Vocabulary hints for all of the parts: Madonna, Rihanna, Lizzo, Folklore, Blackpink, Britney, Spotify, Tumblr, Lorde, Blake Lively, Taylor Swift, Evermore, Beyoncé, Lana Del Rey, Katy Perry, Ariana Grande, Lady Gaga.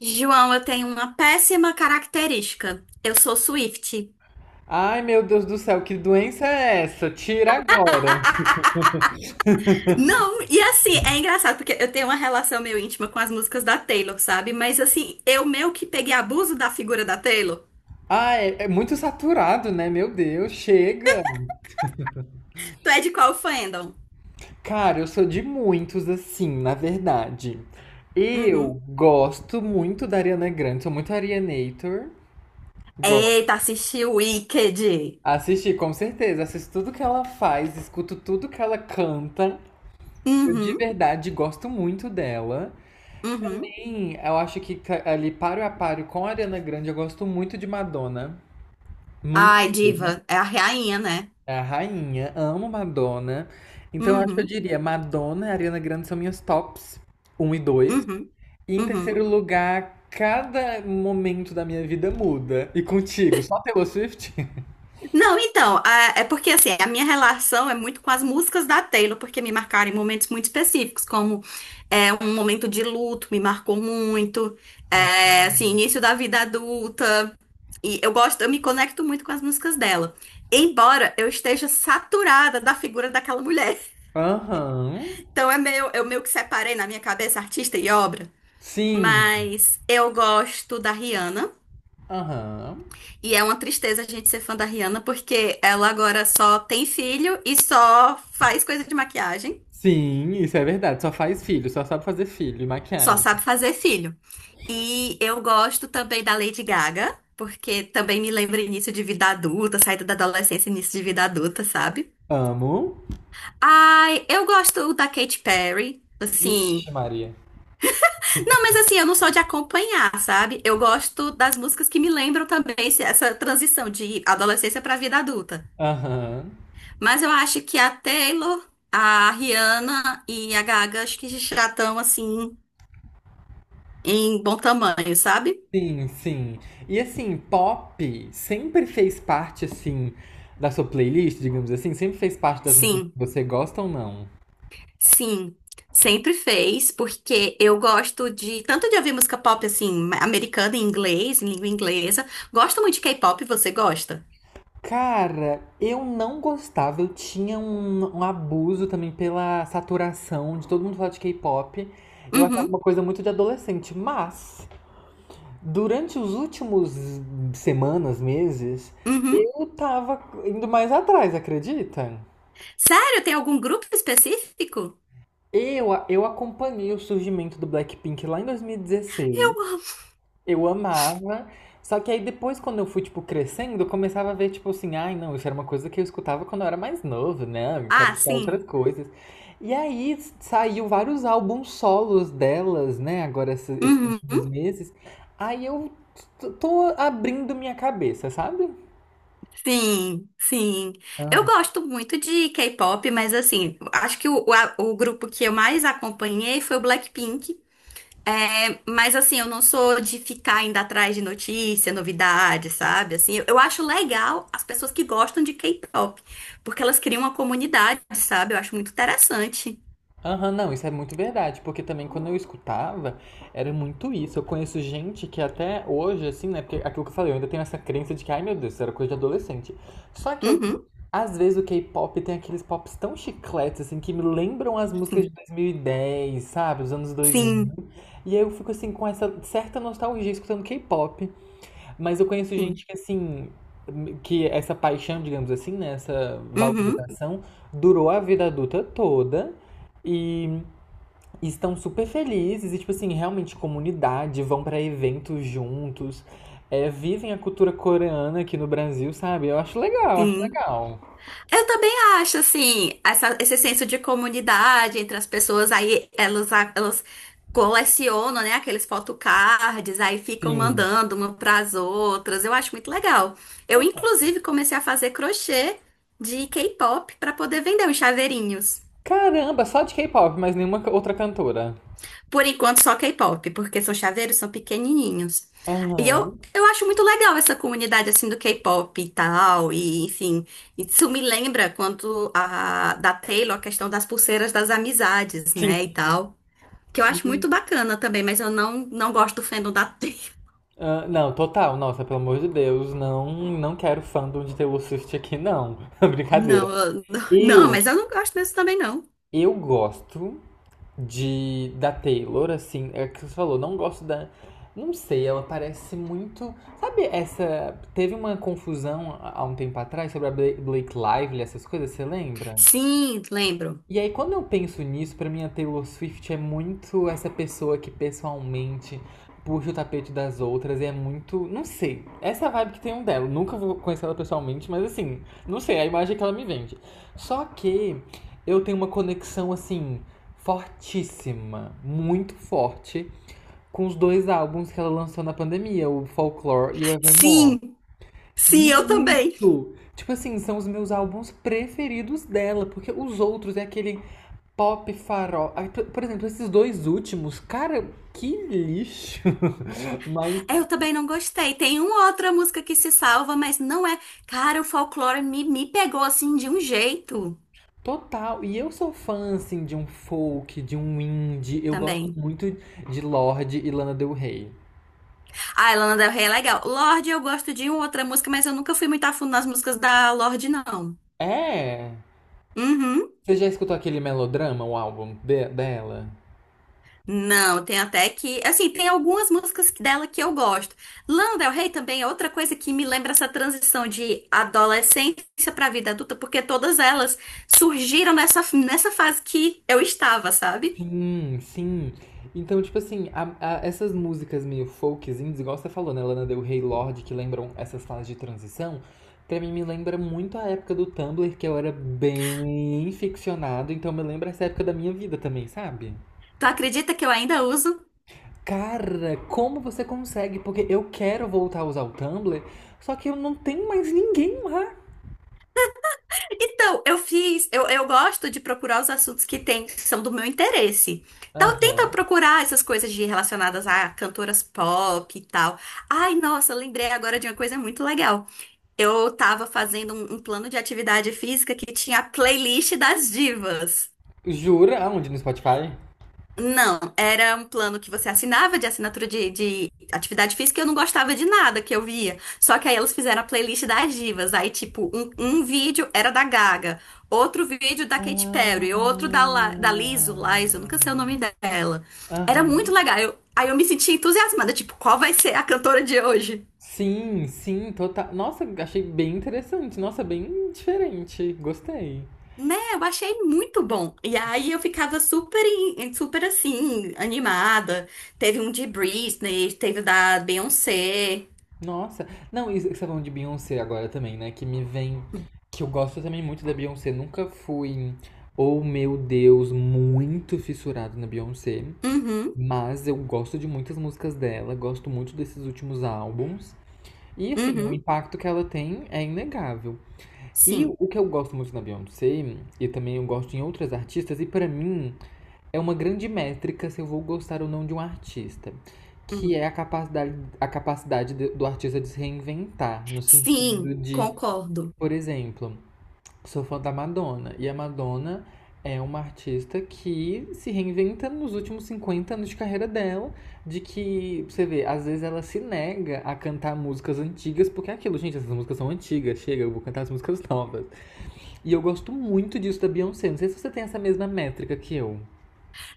João, eu tenho uma péssima característica. Eu sou Swift. Ai, meu Deus do céu, que doença é essa? Tira agora. Não, e assim, é engraçado, porque eu tenho uma relação meio íntima com as músicas da Taylor, sabe? Mas assim, eu meio que peguei abuso da figura da Taylor. Ah, é muito saturado, né? Meu Deus, chega. Tu é de qual fandom? Cara, eu sou de muitos assim, na verdade. Eu Uhum. gosto muito da Ariana Grande, sou muito Arianator. Gosto. Eita, assisti o Wicked. Assisti, com certeza. Assisto tudo que ela faz, escuto tudo que ela canta. Eu de Uhum, verdade gosto muito dela. uhum. Sim, eu acho que ali paro a paro com a Ariana Grande, eu gosto muito de Madonna. Muito. Ai, diva, é a rainha, né? É a rainha, amo Madonna. Então, eu acho que eu Uhum, diria Madonna e Ariana Grande são minhas tops um e dois. uhum, E em terceiro uhum. lugar, cada momento da minha vida muda. E contigo, só Taylor Swift? Não, então, é porque assim, a minha relação é muito com as músicas da Taylor, porque me marcaram em momentos muito específicos, como é, um momento de luto, me marcou muito, Ah. é, assim, início da vida adulta, e eu gosto, eu me conecto muito com as músicas dela, embora eu esteja saturada da figura daquela mulher. Aham. Então é meio, eu meio que separei na minha cabeça artista e obra, Sim. mas eu gosto da Rihanna. Aham. E é uma tristeza a gente ser fã da Rihanna, porque ela agora só tem filho e só faz coisa de maquiagem, Sim, isso é verdade. Só faz filho, só sabe fazer filho e só maquiagem. sabe fazer filho. E eu gosto também da Lady Gaga, porque também me lembra início de vida adulta, saída da adolescência, início de vida adulta, sabe? Amo. Ai, eu gosto da Katy Perry, assim. Ixi, Maria. Não, mas assim, eu não sou de acompanhar, sabe? Eu gosto das músicas que me lembram também essa transição de adolescência pra vida adulta. Aham. Mas eu acho que a Taylor, a Rihanna e a Gaga, acho que já estão assim em bom tamanho, sabe? Sim, sim. E assim, pop sempre fez parte, assim, da sua playlist, digamos assim? Sempre fez parte das músicas Sim, que você gosta ou não? sim. Sempre fez, porque eu gosto de tanto de ouvir música pop assim, americana em inglês, em língua inglesa. Gosto muito de K-pop, você gosta? Cara, eu não gostava. Eu tinha um abuso também pela saturação de todo mundo falar de K-pop. Eu achava Uhum, uma coisa muito de adolescente. Mas, durante os últimos semanas, meses, uhum. eu tava indo mais atrás, acredita? Sério, tem algum grupo específico? Eu acompanhei o surgimento do Blackpink lá em 2016. Eu amo. Eu amava. Só que aí depois, quando eu fui, tipo, crescendo, eu começava a ver, tipo assim, ai, não, isso era uma coisa que eu escutava quando eu era mais novo, né? Eu quero Ah, escutar outras sim. coisas. E aí saiu vários álbuns solos delas, né? Agora, esses últimos Uhum. meses. Aí eu tô abrindo minha cabeça, sabe? Sim, sim. Eu gosto muito de K-pop, mas assim, acho que o grupo que eu mais acompanhei foi o Blackpink. É, mas assim, eu não sou de ficar indo atrás de notícia, novidade, sabe? Assim, eu acho legal as pessoas que gostam de K-pop, porque elas criam uma comunidade, sabe? Eu acho muito interessante. Aham, não, isso é muito verdade, porque também quando eu escutava, era muito isso. Eu conheço gente que até hoje, assim, né? Porque aquilo que eu falei, eu ainda tenho essa crença de que, ai meu Deus, isso era coisa de adolescente. Só que eu, Uhum, às vezes, o K-pop tem aqueles pops tão chicletes, assim, que me lembram as músicas de sim, 2010, sabe? Os anos 2000. sim, E aí eu fico, assim, com essa certa nostalgia escutando K-pop. Mas eu conheço gente sim. que, assim, que essa paixão, digamos assim, né, essa Uhum, valorização durou a vida adulta toda e estão super felizes e, tipo assim, realmente comunidade, vão pra eventos juntos, é, vivem a cultura coreana aqui no Brasil, sabe? Eu acho legal, acho sim. legal. Eu também acho, assim, esse senso de comunidade entre as pessoas, aí elas colecionam, né, aqueles photocards, aí ficam Sim. mandando uma para as outras. Eu acho muito legal. Eu, inclusive, comecei a fazer crochê de K-pop para poder vender os chaveirinhos. Caramba, só de K-pop, mas nenhuma outra cantora. Por enquanto, só K-pop, porque são chaveiros, são pequenininhos. E Aham. eu acho muito legal essa comunidade, assim, do K-pop e tal, e enfim. Isso me lembra quanto da Taylor, a questão das pulseiras das amizades, Sim, né, e tal. Que eu acho sim. muito bacana também, mas eu não, não gosto do fandom da Taylor. Ah, não, total, nossa, pelo amor de Deus, não, não quero fandom de Taylor Swift aqui, não. Brincadeira. Não, eu- não, Eu, mas eu não gosto desse também, não. eu gosto de da Taylor, assim, é o que você falou, não gosto da. Não sei, ela parece muito. Sabe, essa. Teve uma confusão há um tempo atrás sobre a Blake Lively, essas coisas, você lembra? Sim, lembro. E aí, quando eu penso nisso, pra mim a Taylor Swift é muito essa pessoa que pessoalmente puxa o tapete das outras e é muito. Não sei. Essa vibe que tem um dela. Nunca vou conhecer ela pessoalmente, mas assim, não sei, é a imagem que ela me vende. Só que eu tenho uma conexão, assim, fortíssima, muito forte, com os dois álbuns que ela lançou na pandemia, o Folklore e o Evermore. Sim, sim, eu também. Muito! Tipo assim, são os meus álbuns preferidos dela, porque os outros é aquele pop, farol. Por exemplo, esses dois últimos, cara, que lixo. Mas É, eu também não gostei. Tem uma outra música que se salva, mas não é. Cara, o folclore me pegou assim de um jeito total. E eu sou fã, assim, de um folk, de um indie. Eu gosto também. muito de Lorde e Lana Del Rey. Ah, Lana Del Rey é legal. Lorde, eu gosto de uma outra música, mas eu nunca fui muito a fundo nas músicas da Lorde, não. É. Uhum. Você já escutou aquele Melodrama, o álbum dela? Não, tem até que. Assim, tem algumas músicas dela que eu gosto. Lana Del Rey também é outra coisa que me lembra essa transição de adolescência pra vida adulta, porque todas elas surgiram nessa fase que eu estava, sabe? Sim, sim. Então, tipo assim, essas músicas meio folkzinhas, igual você falou, né, Lana Del Rey, Lorde, que lembram essas fases de transição, pra mim me lembra muito a época do Tumblr, que eu era bem ficcionado, então me lembra essa época da minha vida também, sabe? Tu acredita que eu ainda uso? Cara, como você consegue? Porque eu quero voltar a usar o Tumblr, só que eu não tenho mais ninguém lá. Então, eu fiz, eu gosto de procurar os assuntos que tem, que são do meu interesse. Então, tenta Aham. procurar essas coisas de relacionadas a cantoras pop e tal. Ai, nossa, lembrei agora de uma coisa muito legal. Eu tava fazendo um plano de atividade física que tinha a playlist das divas. Jura? Aonde? No Spotify? Não, era um plano que você assinava de assinatura de atividade física e eu não gostava de nada que eu via. Só que aí elas fizeram a playlist das divas. Aí, tipo, um vídeo era da Gaga, outro vídeo da Katy Perry, outro da, Ah. Da Lizzo, Lizzo, nunca sei o nome dela. Era Aham. muito legal. Aí eu me senti entusiasmada, tipo, qual vai ser a cantora de hoje? Sim, sim, total. Nossa, achei bem interessante. Nossa, bem diferente. Gostei. Né, eu achei muito bom. E aí eu ficava super, super assim, animada. Teve um de Britney, teve o da Beyoncé. Nossa. Não, isso que você tá falando de Beyoncé agora também, né? Que me vem. Que eu gosto também muito da Beyoncé. Nunca fui, oh meu Deus, muito fissurado na Beyoncé. Uhum, Mas eu gosto de muitas músicas dela, gosto muito desses últimos álbuns. E assim, o uhum, impacto que ela tem é inegável. E sim. o que eu gosto muito na Beyoncé, e também eu gosto em outras artistas, e pra mim é uma grande métrica se eu vou gostar ou não de um artista, que Uhum. é a capacidade do artista de se reinventar, no sentido Sim, de, concordo. por exemplo, sou fã da Madonna, e a Madonna é uma artista que se reinventa nos últimos 50 anos de carreira dela, de que, pra você vê, às vezes ela se nega a cantar músicas antigas, porque é aquilo, gente, essas músicas são antigas, chega, eu vou cantar as músicas novas. E eu gosto muito disso da Beyoncé. Não sei se você tem essa mesma métrica que eu.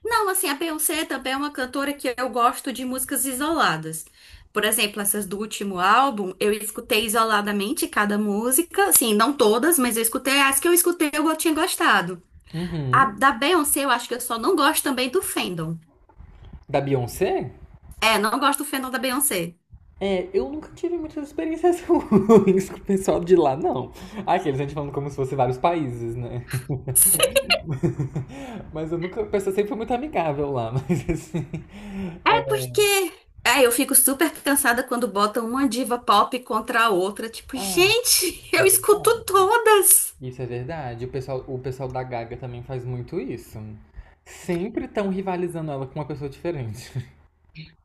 Não, assim, a Beyoncé também é uma cantora que eu gosto de músicas isoladas. Por exemplo, essas do último álbum, eu escutei isoladamente cada música, assim, não todas, mas eu escutei as que eu escutei eu tinha gostado. A Uhum. da Beyoncé, eu acho que eu só não gosto também do fandom. Da Beyoncé? É, não gosto do fandom da Beyoncé. É, eu nunca tive muitas experiências ruins com o pessoal de lá, não. Aqueles a gente falando como se fosse vários países, né? Mas eu nunca. O pessoal sempre foi muito amigável lá, mas assim. É É. porque. É, eu fico super cansada quando botam uma diva pop contra a outra. Tipo, Ah, gente, isso é eu escuto verdade. todas. Isso é verdade. O pessoal da Gaga também faz muito isso. Sempre estão rivalizando ela com uma pessoa diferente.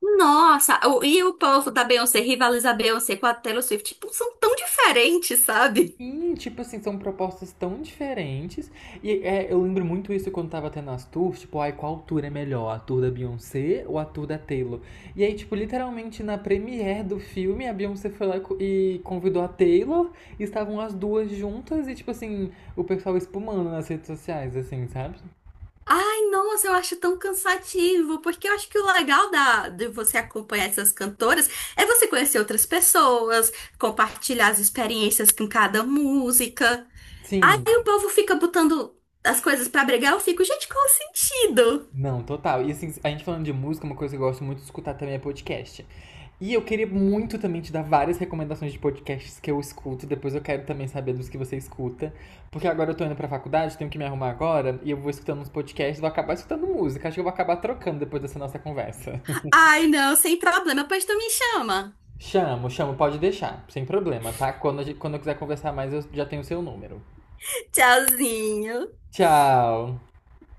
Nossa, e o povo da Beyoncé rivaliza a Beyoncé com a Taylor Swift. Tipo, são tão diferentes, sabe? Sim, tipo assim, são propostas tão diferentes. E é, eu lembro muito isso quando tava tendo as tours, tipo, ai, qual tour é melhor? A tour da Beyoncé ou a tour da Taylor? E aí, tipo, literalmente na premiere do filme, a Beyoncé foi lá e convidou a Taylor, e estavam as duas juntas e, tipo assim, o pessoal espumando nas redes sociais, assim, sabe? Ai, nossa, eu acho tão cansativo, porque eu acho que o legal da, de você acompanhar essas cantoras é você conhecer outras pessoas, compartilhar as experiências com cada música. Aí Sim, o povo fica botando as coisas pra brigar, eu fico, gente, qual o sentido? não, total. E assim, a gente falando de música, uma coisa que eu gosto muito de escutar também é podcast. E eu queria muito também te dar várias recomendações de podcasts que eu escuto. Depois eu quero também saber dos que você escuta. Porque agora eu tô indo pra faculdade, tenho que me arrumar agora. E eu vou escutando uns podcasts, vou acabar escutando música. Acho que eu vou acabar trocando depois dessa nossa conversa. Ai, não, sem problema, pois tu me chama. Chamo, chamo, pode deixar. Sem problema, tá? Quando, a gente- quando eu quiser conversar mais, eu já tenho o seu número. Tchauzinho. Tchau!